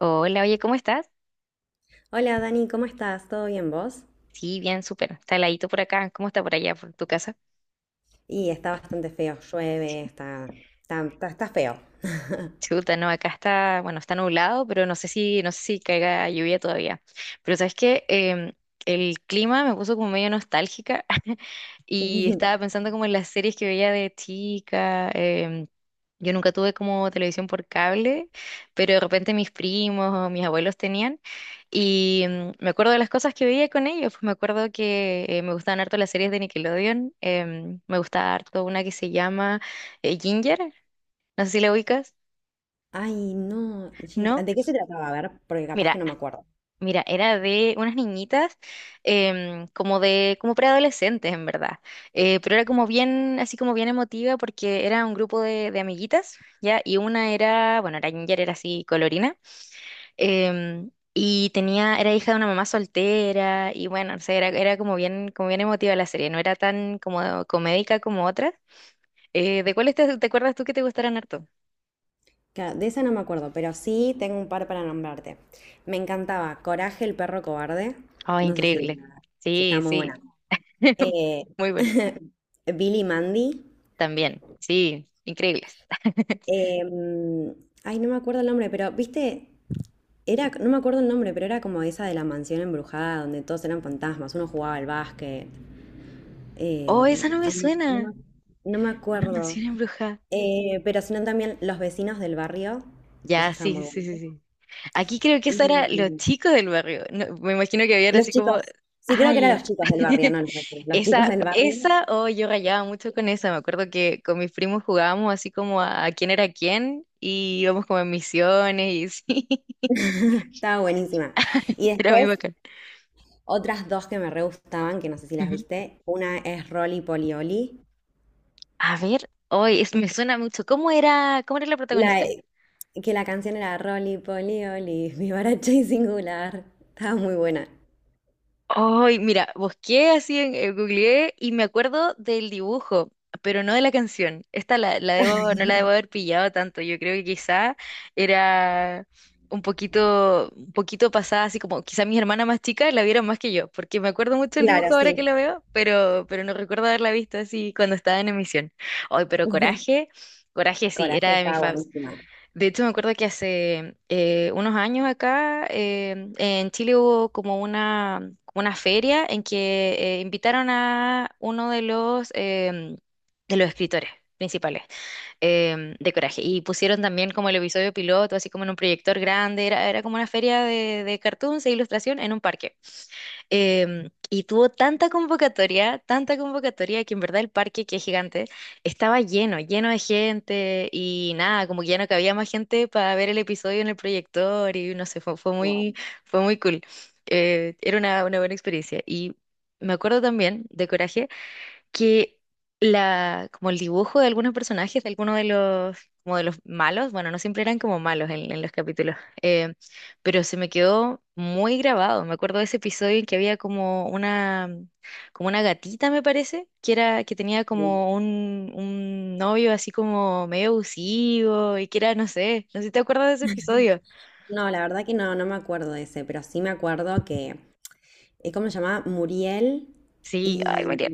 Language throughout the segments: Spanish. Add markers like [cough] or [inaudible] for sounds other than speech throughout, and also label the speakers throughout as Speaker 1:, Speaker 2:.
Speaker 1: Hola, oye, ¿cómo estás?
Speaker 2: Hola Dani, ¿cómo estás? ¿Todo bien vos?
Speaker 1: Sí, bien, súper. Está heladito por acá. ¿Cómo está por allá, por tu casa?
Speaker 2: Y está bastante feo, llueve, está feo.
Speaker 1: Chuta, no, acá está, bueno, está nublado, pero no sé si caiga lluvia todavía. Pero sabes que el clima me puso como medio nostálgica [laughs] y
Speaker 2: [laughs]
Speaker 1: estaba pensando como en las series que veía de chica. Yo nunca tuve como televisión por cable, pero de repente mis primos o mis abuelos tenían y me acuerdo de las cosas que veía con ellos. Pues me acuerdo que me gustaban harto las series de Nickelodeon. Me gustaba harto una que se llama Ginger, no sé si la ubicas.
Speaker 2: Ay, no, Ginger,
Speaker 1: ¿No?
Speaker 2: ¿de qué se trataba? A ver, porque capaz que
Speaker 1: Mira,
Speaker 2: no me acuerdo.
Speaker 1: mira, era de unas niñitas como como preadolescentes en verdad. Pero era como bien, así como bien emotiva porque era un grupo de amiguitas, ¿ya? Y una era, bueno, era ginger, era así colorina. Y tenía, era hija de una mamá soltera, y bueno, o sea, era como bien emotiva la serie, no era tan como comédica como otras. ¿De cuáles te acuerdas tú que te gustaran harto?
Speaker 2: Claro, de esa no me acuerdo, pero sí tengo un par para nombrarte. Me encantaba Coraje, el perro cobarde.
Speaker 1: Oh,
Speaker 2: No sé si,
Speaker 1: increíble.
Speaker 2: si
Speaker 1: Sí,
Speaker 2: estaba muy
Speaker 1: sí.
Speaker 2: buena.
Speaker 1: [laughs]
Speaker 2: Eh,
Speaker 1: Muy buena.
Speaker 2: [laughs] Billy Mandy.
Speaker 1: También, sí, increíbles. [laughs]
Speaker 2: Em, Ay, no me acuerdo el nombre, pero ¿viste? No me acuerdo el nombre, pero era como esa de la mansión embrujada donde todos eran fantasmas, uno jugaba al básquet.
Speaker 1: Oh, esa no me
Speaker 2: Ay, sí. no
Speaker 1: suena.
Speaker 2: me, no me
Speaker 1: Una
Speaker 2: acuerdo.
Speaker 1: mansión embrujada.
Speaker 2: Pero sino también los vecinos del barrio, esa
Speaker 1: Ya,
Speaker 2: estaba
Speaker 1: sí,
Speaker 2: muy
Speaker 1: sí, sí,
Speaker 2: buena.
Speaker 1: sí. Sí. Aquí creo que esa era Los
Speaker 2: Y
Speaker 1: Chicos del Barrio. No, me imagino que habían
Speaker 2: los
Speaker 1: así como...
Speaker 2: chicos, sí, creo que
Speaker 1: Ay,
Speaker 2: eran los chicos del barrio,
Speaker 1: [laughs]
Speaker 2: no los vecinos, los chicos del barrio.
Speaker 1: oh, yo rayaba mucho con esa. Me acuerdo que con mis primos jugábamos así como a quién era quién y íbamos como en misiones y sí, [laughs]
Speaker 2: Estaba buenísima. Y
Speaker 1: era muy
Speaker 2: después,
Speaker 1: bacán.
Speaker 2: otras dos que me re gustaban, que no sé si las
Speaker 1: Ujú.
Speaker 2: viste. Una es Rolly Polioli.
Speaker 1: A ver, hoy es me suena mucho. ¿Cómo era la
Speaker 2: La,
Speaker 1: protagonista?
Speaker 2: eh, que la canción era Rolly Polly Oli, [laughs] vivaracha y singular. Estaba muy buena.
Speaker 1: Ay, mira, busqué así en googleé y me acuerdo del dibujo, pero no de la canción. Esta la no la debo haber pillado tanto. Yo creo que quizá era un poquito pasada, así como quizá mis hermanas más chicas la vieron más que yo, porque me acuerdo mucho del
Speaker 2: Claro,
Speaker 1: dibujo ahora
Speaker 2: sí.
Speaker 1: que lo veo, pero no recuerdo haberla visto así cuando estaba en emisión. Ay, pero
Speaker 2: [laughs]
Speaker 1: Coraje, Coraje sí,
Speaker 2: Coraje
Speaker 1: era de mis
Speaker 2: estaba
Speaker 1: faves.
Speaker 2: buenísima.
Speaker 1: De hecho, me acuerdo que hace unos años acá en Chile hubo como una feria en que invitaron a uno de los escritores principales de Coraje y pusieron también como el episodio piloto, así como en un proyector grande, era como una feria de cartoons e ilustración en un parque. Y tuvo tanta convocatoria que en verdad el parque, que es gigante, estaba lleno, lleno de gente y nada, como que ya no cabía más gente para ver el episodio en el proyector y no sé,
Speaker 2: Ay,
Speaker 1: fue muy cool. Era una buena experiencia. Y me acuerdo también de Coraje que como el dibujo de algunos personajes, de algunos de los, como de los malos, bueno, no siempre eran como malos en los capítulos, eh, pero se me quedó muy grabado. Me acuerdo de ese episodio en que había como una gatita, me parece, que era, que tenía
Speaker 2: sí.
Speaker 1: como un novio así como medio abusivo y que era, no sé si te acuerdas de ese episodio.
Speaker 2: No, la verdad que no, no me acuerdo de ese, pero sí me acuerdo que es como se llamaba Muriel
Speaker 1: Sí, ay,
Speaker 2: y
Speaker 1: María.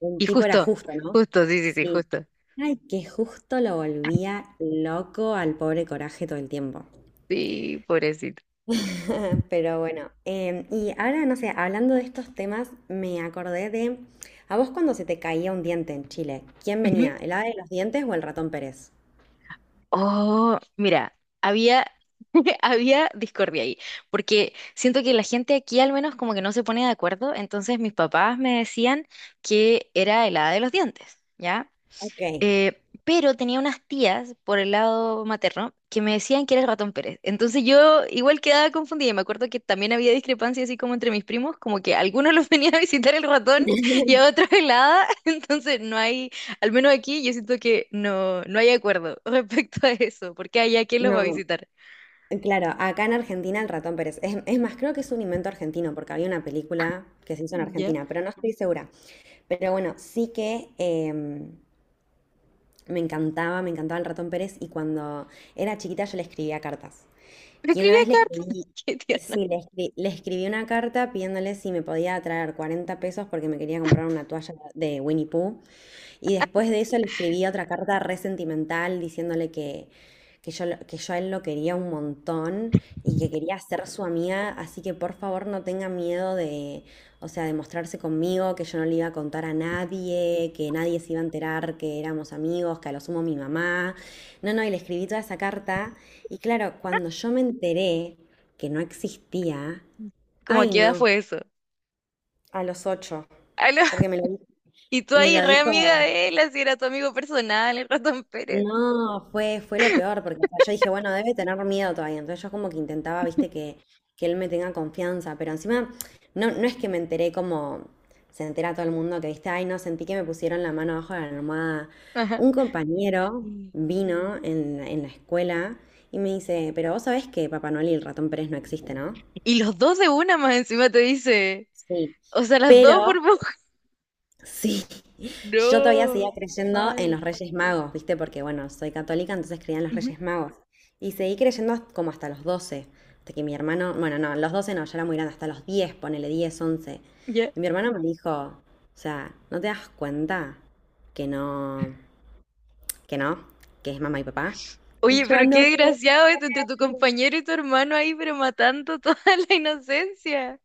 Speaker 2: el
Speaker 1: Y
Speaker 2: tipo era
Speaker 1: justo,
Speaker 2: justo, ¿no?
Speaker 1: justo, sí, sí, sí,
Speaker 2: Sí.
Speaker 1: justo.
Speaker 2: Ay, que justo lo volvía loco al pobre Coraje todo el tiempo.
Speaker 1: Sí, pobrecito.
Speaker 2: [laughs] Pero bueno, y ahora, no sé, hablando de estos temas, me acordé de, a vos cuando se te caía un diente en Chile, ¿quién venía?
Speaker 1: [laughs]
Speaker 2: ¿El ave de los dientes o el ratón Pérez?
Speaker 1: Oh, mira, había, [laughs] había discordia ahí, porque siento que la gente aquí al menos como que no se pone de acuerdo, entonces mis papás me decían que era helada de los dientes, ¿ya?
Speaker 2: Ok,
Speaker 1: Pero tenía unas tías por el lado materno que me decían que era el ratón Pérez. Entonces yo igual quedaba confundida. Y me acuerdo que también había discrepancia así como entre mis primos, como que a algunos los [laughs] venía a visitar el ratón y a otros el hada. [laughs] Entonces no hay, al menos aquí yo siento que no hay acuerdo [laughs] respecto a eso, porque allá quién los va a
Speaker 2: no,
Speaker 1: visitar.
Speaker 2: claro, acá en Argentina el ratón Pérez. Es más, creo que es un invento argentino, porque había una película que se hizo en
Speaker 1: ¿Ya?
Speaker 2: Argentina, pero no estoy segura. Pero bueno, sí que me encantaba el ratón Pérez y cuando era chiquita yo le escribía cartas.
Speaker 1: Pero
Speaker 2: Que una
Speaker 1: escribía
Speaker 2: vez le
Speaker 1: cartas,
Speaker 2: escribí,
Speaker 1: [laughs] qué tierna.
Speaker 2: sí, le escribí una carta pidiéndole si me podía traer 40 pesos porque me quería comprar una toalla de Winnie Pooh y después de eso le escribí otra carta re sentimental diciéndole que, yo, que yo a él lo quería un montón y que quería ser su amiga, así que por favor no tenga miedo de, o sea, de mostrarse conmigo, que yo no le iba a contar a nadie, que nadie se iba a enterar que éramos amigos, que a lo sumo mi mamá. No, no, y le escribí toda esa carta y claro, cuando yo me enteré que no existía,
Speaker 1: ¿Cómo a
Speaker 2: ay
Speaker 1: qué edad [laughs]
Speaker 2: no,
Speaker 1: fue eso?
Speaker 2: a los 8,
Speaker 1: Aló.
Speaker 2: porque
Speaker 1: [laughs] Y tú
Speaker 2: me
Speaker 1: ahí
Speaker 2: lo
Speaker 1: re amiga
Speaker 2: dijo...
Speaker 1: de él, así era tu amigo personal, el ratón Pérez.
Speaker 2: No, fue lo peor, porque o sea, yo dije, bueno, debe tener miedo todavía. Entonces yo como que intentaba, viste, que él me tenga confianza, pero encima no, no es que me enteré como se entera todo el mundo que, viste, ay, no, sentí que me pusieron la mano abajo de la almohada.
Speaker 1: Ajá.
Speaker 2: Un compañero vino en la escuela y me dice, pero vos sabés que Papá Noel y el ratón Pérez no existe, ¿no?
Speaker 1: Y los dos de una más encima te dice.
Speaker 2: Sí.
Speaker 1: O sea, las dos
Speaker 2: Pero
Speaker 1: por poco. [laughs]
Speaker 2: sí, yo todavía
Speaker 1: No,
Speaker 2: seguía creyendo en
Speaker 1: mal.
Speaker 2: los Reyes Magos, ¿viste? Porque, bueno, soy católica, entonces creía en los
Speaker 1: Ujú.
Speaker 2: Reyes Magos. Y seguí creyendo como hasta los 12, hasta que mi hermano, bueno, no, los 12, no, ya era muy grande, hasta los 10, ponele 10, 11,
Speaker 1: Ya.
Speaker 2: y mi hermano me dijo, o sea, ¿no te das cuenta que no, que no, que es mamá y papá?
Speaker 1: Oye, pero
Speaker 2: Yo
Speaker 1: qué
Speaker 2: no puede
Speaker 1: desgraciado esto entre tu
Speaker 2: ser.
Speaker 1: compañero y tu hermano ahí, pero matando toda [laughs] la inocencia.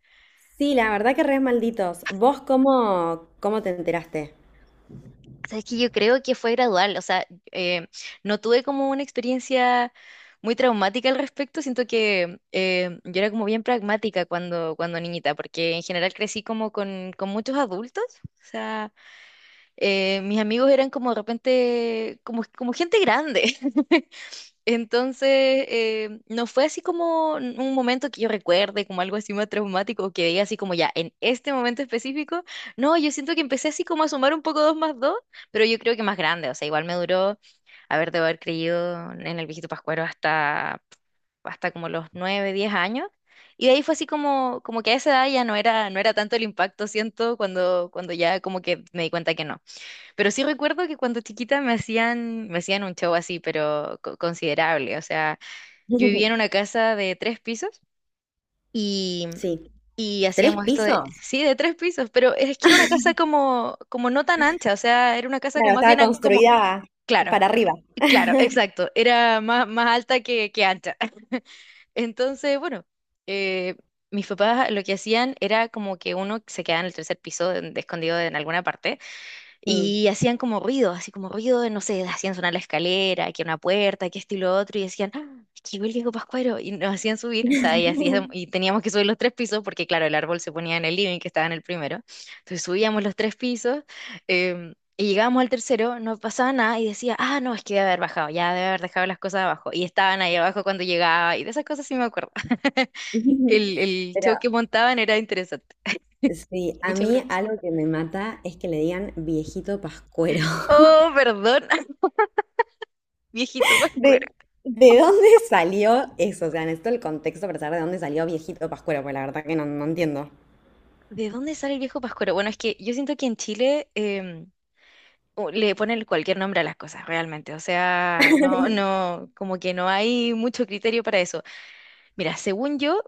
Speaker 2: Sí, la verdad que re malditos. ¿Vos cómo te enteraste?
Speaker 1: Sabes que yo creo que fue gradual, o sea, eh, no tuve como una experiencia muy traumática al respecto, siento que yo era como bien pragmática cuando, cuando niñita, porque en general crecí como con muchos adultos, o sea, mis amigos eran como de repente, como gente grande. [laughs] Entonces, no fue así como un momento que yo recuerde, como algo así más traumático, o que diga así como ya, en este momento específico, no, yo siento que empecé así como a sumar un poco dos más dos, pero yo creo que más grande, o sea, igual me duró, a ver, debo haber creído en el viejito Pascuero hasta como los 9, 10 años. Y de ahí fue así como que a esa edad ya no era tanto el impacto, siento, cuando ya como que me di cuenta que no. Pero sí recuerdo que cuando chiquita me hacían un show así, pero considerable. O sea, yo vivía en
Speaker 2: [laughs]
Speaker 1: una casa de tres pisos y,
Speaker 2: Sí,
Speaker 1: y
Speaker 2: ¿tres
Speaker 1: hacíamos esto de,
Speaker 2: pisos?
Speaker 1: sí, de tres pisos, pero es que era una casa como no tan ancha, o sea, era una casa
Speaker 2: Claro,
Speaker 1: como más
Speaker 2: estaba
Speaker 1: bien como,
Speaker 2: construida
Speaker 1: claro,
Speaker 2: para arriba.
Speaker 1: claro, exacto, era más alta que ancha. [laughs] Entonces, bueno, eh, mis papás lo que hacían era como que uno se quedaba en el tercer piso, escondido en alguna parte.
Speaker 2: Mm.
Speaker 1: Y hacían como ruido, así como ruido de, no sé, hacían sonar la escalera, que una puerta, que esto y lo otro, y decían, ¡Ah, es que llegó el Diego Pascuero!, y nos hacían subir, o sea, y teníamos que subir los tres pisos, porque claro, el árbol se ponía en el living, que estaba en el primero, entonces subíamos los tres pisos, y llegábamos al tercero, no pasaba nada, y decía, ah, no, es que debe haber bajado, ya debe haber dejado las cosas abajo, y estaban ahí abajo cuando llegaba, y de esas cosas sí me acuerdo. [laughs]
Speaker 2: [laughs]
Speaker 1: El
Speaker 2: Pero
Speaker 1: show que montaban era interesante,
Speaker 2: sí, a
Speaker 1: mucha
Speaker 2: mí
Speaker 1: producción.
Speaker 2: algo que me mata es que le digan viejito pascuero.
Speaker 1: Oh, perdón, [laughs] viejito
Speaker 2: [laughs]
Speaker 1: Pascuero.
Speaker 2: ¿De, de dónde salió eso? O sea, necesito el contexto para saber de dónde salió viejito pascuero, porque la verdad que no, no entiendo.
Speaker 1: ¿De dónde sale el viejo Pascuero? Bueno, es que yo siento que en Chile le ponen cualquier nombre a las cosas, realmente. O sea, no, no, como que no hay mucho criterio para eso. Mira, según yo,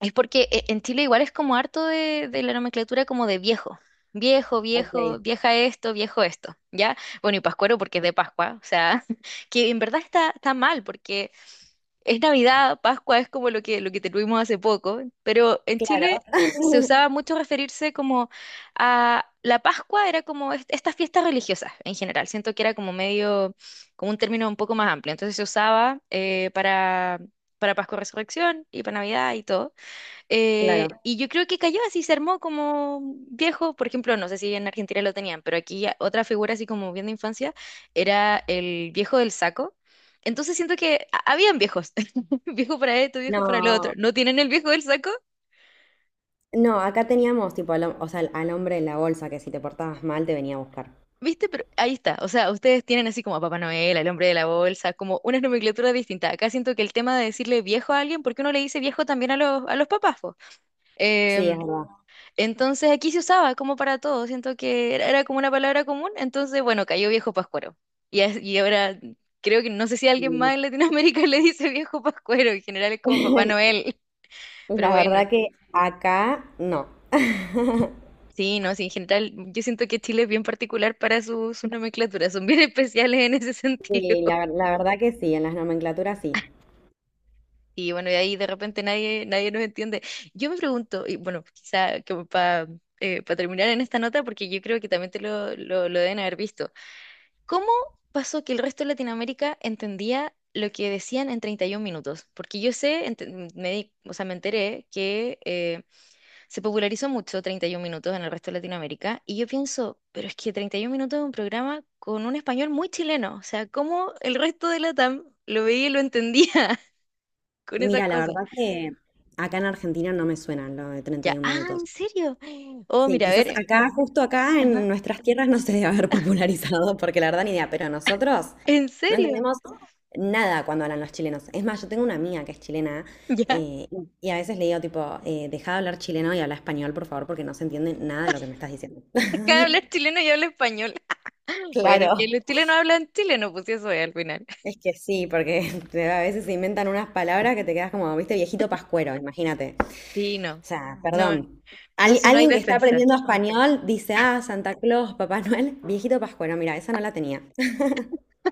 Speaker 1: es porque en Chile igual es como harto de la nomenclatura como de viejo. Viejo,
Speaker 2: Ok,
Speaker 1: viejo, vieja esto, viejo esto, ¿ya? Bueno, y Pascuero porque es de Pascua, o sea, [laughs] que en verdad está mal porque es Navidad, Pascua es como lo que tuvimos hace poco, pero en
Speaker 2: claro.
Speaker 1: Chile se
Speaker 2: [laughs]
Speaker 1: usaba mucho referirse como a la Pascua, era como estas fiestas religiosas en general, siento que era como medio, como un término un poco más amplio, entonces se usaba para Pascua Resurrección y para Navidad y todo.
Speaker 2: Claro.
Speaker 1: Y yo creo que cayó así, se armó como viejo. Por ejemplo, no sé si en Argentina lo tenían, pero aquí ya otra figura así como bien de infancia era el viejo del saco. Entonces siento que habían viejos, [laughs] viejo para esto, viejo para lo otro.
Speaker 2: No,
Speaker 1: ¿No tienen el viejo del saco?
Speaker 2: no, acá teníamos tipo o sea, al hombre en la bolsa que si te portabas mal te venía a buscar.
Speaker 1: ¿Viste? Pero ahí está. O sea, ustedes tienen así como a Papá Noel, al hombre de la bolsa, como una nomenclatura distinta. Acá siento que el tema de decirle viejo a alguien, porque uno le dice viejo también a los papás, po?
Speaker 2: Sí, es
Speaker 1: Em,
Speaker 2: verdad.
Speaker 1: Entonces aquí se usaba como para todo, siento que era como una palabra común, entonces bueno, cayó viejo pascuero. Y ahora creo que no sé si alguien
Speaker 2: Sí.
Speaker 1: más en Latinoamérica [laughs] le dice viejo pascuero, en general es como Papá
Speaker 2: [laughs]
Speaker 1: Noel, pero
Speaker 2: La
Speaker 1: bueno,
Speaker 2: verdad que acá no. [laughs]
Speaker 1: sí, no, sí, en general yo siento que Chile es bien particular para sus nomenclaturas, son bien [laughs] especiales en ese sentido.
Speaker 2: Sí, la,
Speaker 1: [laughs]
Speaker 2: la verdad que sí, en las nomenclaturas sí.
Speaker 1: Y bueno, y ahí de repente nadie nos entiende. Yo me pregunto, y bueno, quizá como para terminar en esta nota, porque yo creo que también te lo deben haber visto. ¿Cómo pasó que el resto de Latinoamérica entendía lo que decían en 31 minutos? Porque yo sé, o sea, me enteré que se popularizó mucho 31 minutos en el resto de Latinoamérica y yo pienso, pero es que 31 minutos es un programa con un español muy chileno, o sea, ¿cómo el resto de Latam lo veía y lo entendía [laughs] con esas
Speaker 2: Mira, la
Speaker 1: cosas?
Speaker 2: verdad que acá en Argentina no me suena lo de
Speaker 1: Ya,
Speaker 2: 31
Speaker 1: ah, ¿en
Speaker 2: minutos.
Speaker 1: serio? Oh,
Speaker 2: Sí,
Speaker 1: mira, a ver,
Speaker 2: quizás acá, justo acá
Speaker 1: ajá,
Speaker 2: en nuestras tierras no se debe haber popularizado, porque la verdad ni idea, pero nosotros
Speaker 1: ¿en
Speaker 2: no
Speaker 1: serio?
Speaker 2: entendemos nada cuando hablan los chilenos. Es más, yo tengo una amiga que es chilena
Speaker 1: Ya,
Speaker 2: y a veces le digo tipo, deja de hablar chileno y habla español, por favor, porque no se entiende nada de lo que me estás diciendo.
Speaker 1: [laughs]
Speaker 2: [laughs]
Speaker 1: deja de hablar chileno y habla español. Bueno, es que
Speaker 2: Claro.
Speaker 1: los chilenos hablan chileno, pues sí, eso es al final.
Speaker 2: Es que sí, porque [laughs] a veces se inventan unas palabras que te quedas como, viste, viejito pascuero, imagínate. O
Speaker 1: Sí, no.
Speaker 2: sea,
Speaker 1: No,
Speaker 2: perdón.
Speaker 1: no, si no hay
Speaker 2: Alguien que está
Speaker 1: defensa.
Speaker 2: aprendiendo español dice, ah, Santa Claus, Papá Noel, viejito pascuero. Mira, esa no la tenía.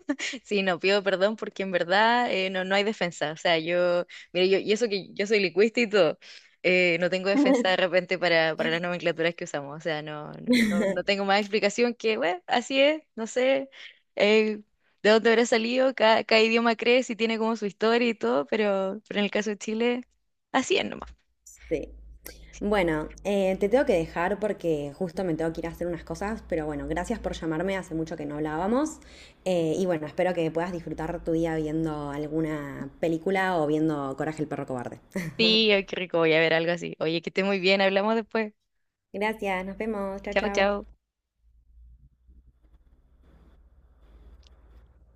Speaker 1: [laughs] Sí, no, pido perdón porque en verdad no, no hay defensa. O sea, yo, mire, yo, y eso que yo soy lingüista y todo, no tengo defensa de repente para las nomenclaturas que usamos. O sea, no, no, no, no
Speaker 2: [laughs]
Speaker 1: tengo más explicación que, bueno, así es, no sé eh, de dónde habrá salido, cada idioma crece y tiene como su historia y todo, pero en el caso de Chile, así es nomás.
Speaker 2: Sí. Bueno, te tengo que dejar porque justo me tengo que ir a hacer unas cosas, pero bueno, gracias por llamarme, hace mucho que no hablábamos. Y bueno, espero que puedas disfrutar tu día viendo alguna película o viendo Coraje el perro cobarde. [laughs]
Speaker 1: Sí, ay, qué rico, voy a ver algo así. Oye, que esté muy bien, hablamos después.
Speaker 2: Gracias, nos vemos, chao,
Speaker 1: Chao,
Speaker 2: chao.
Speaker 1: chao.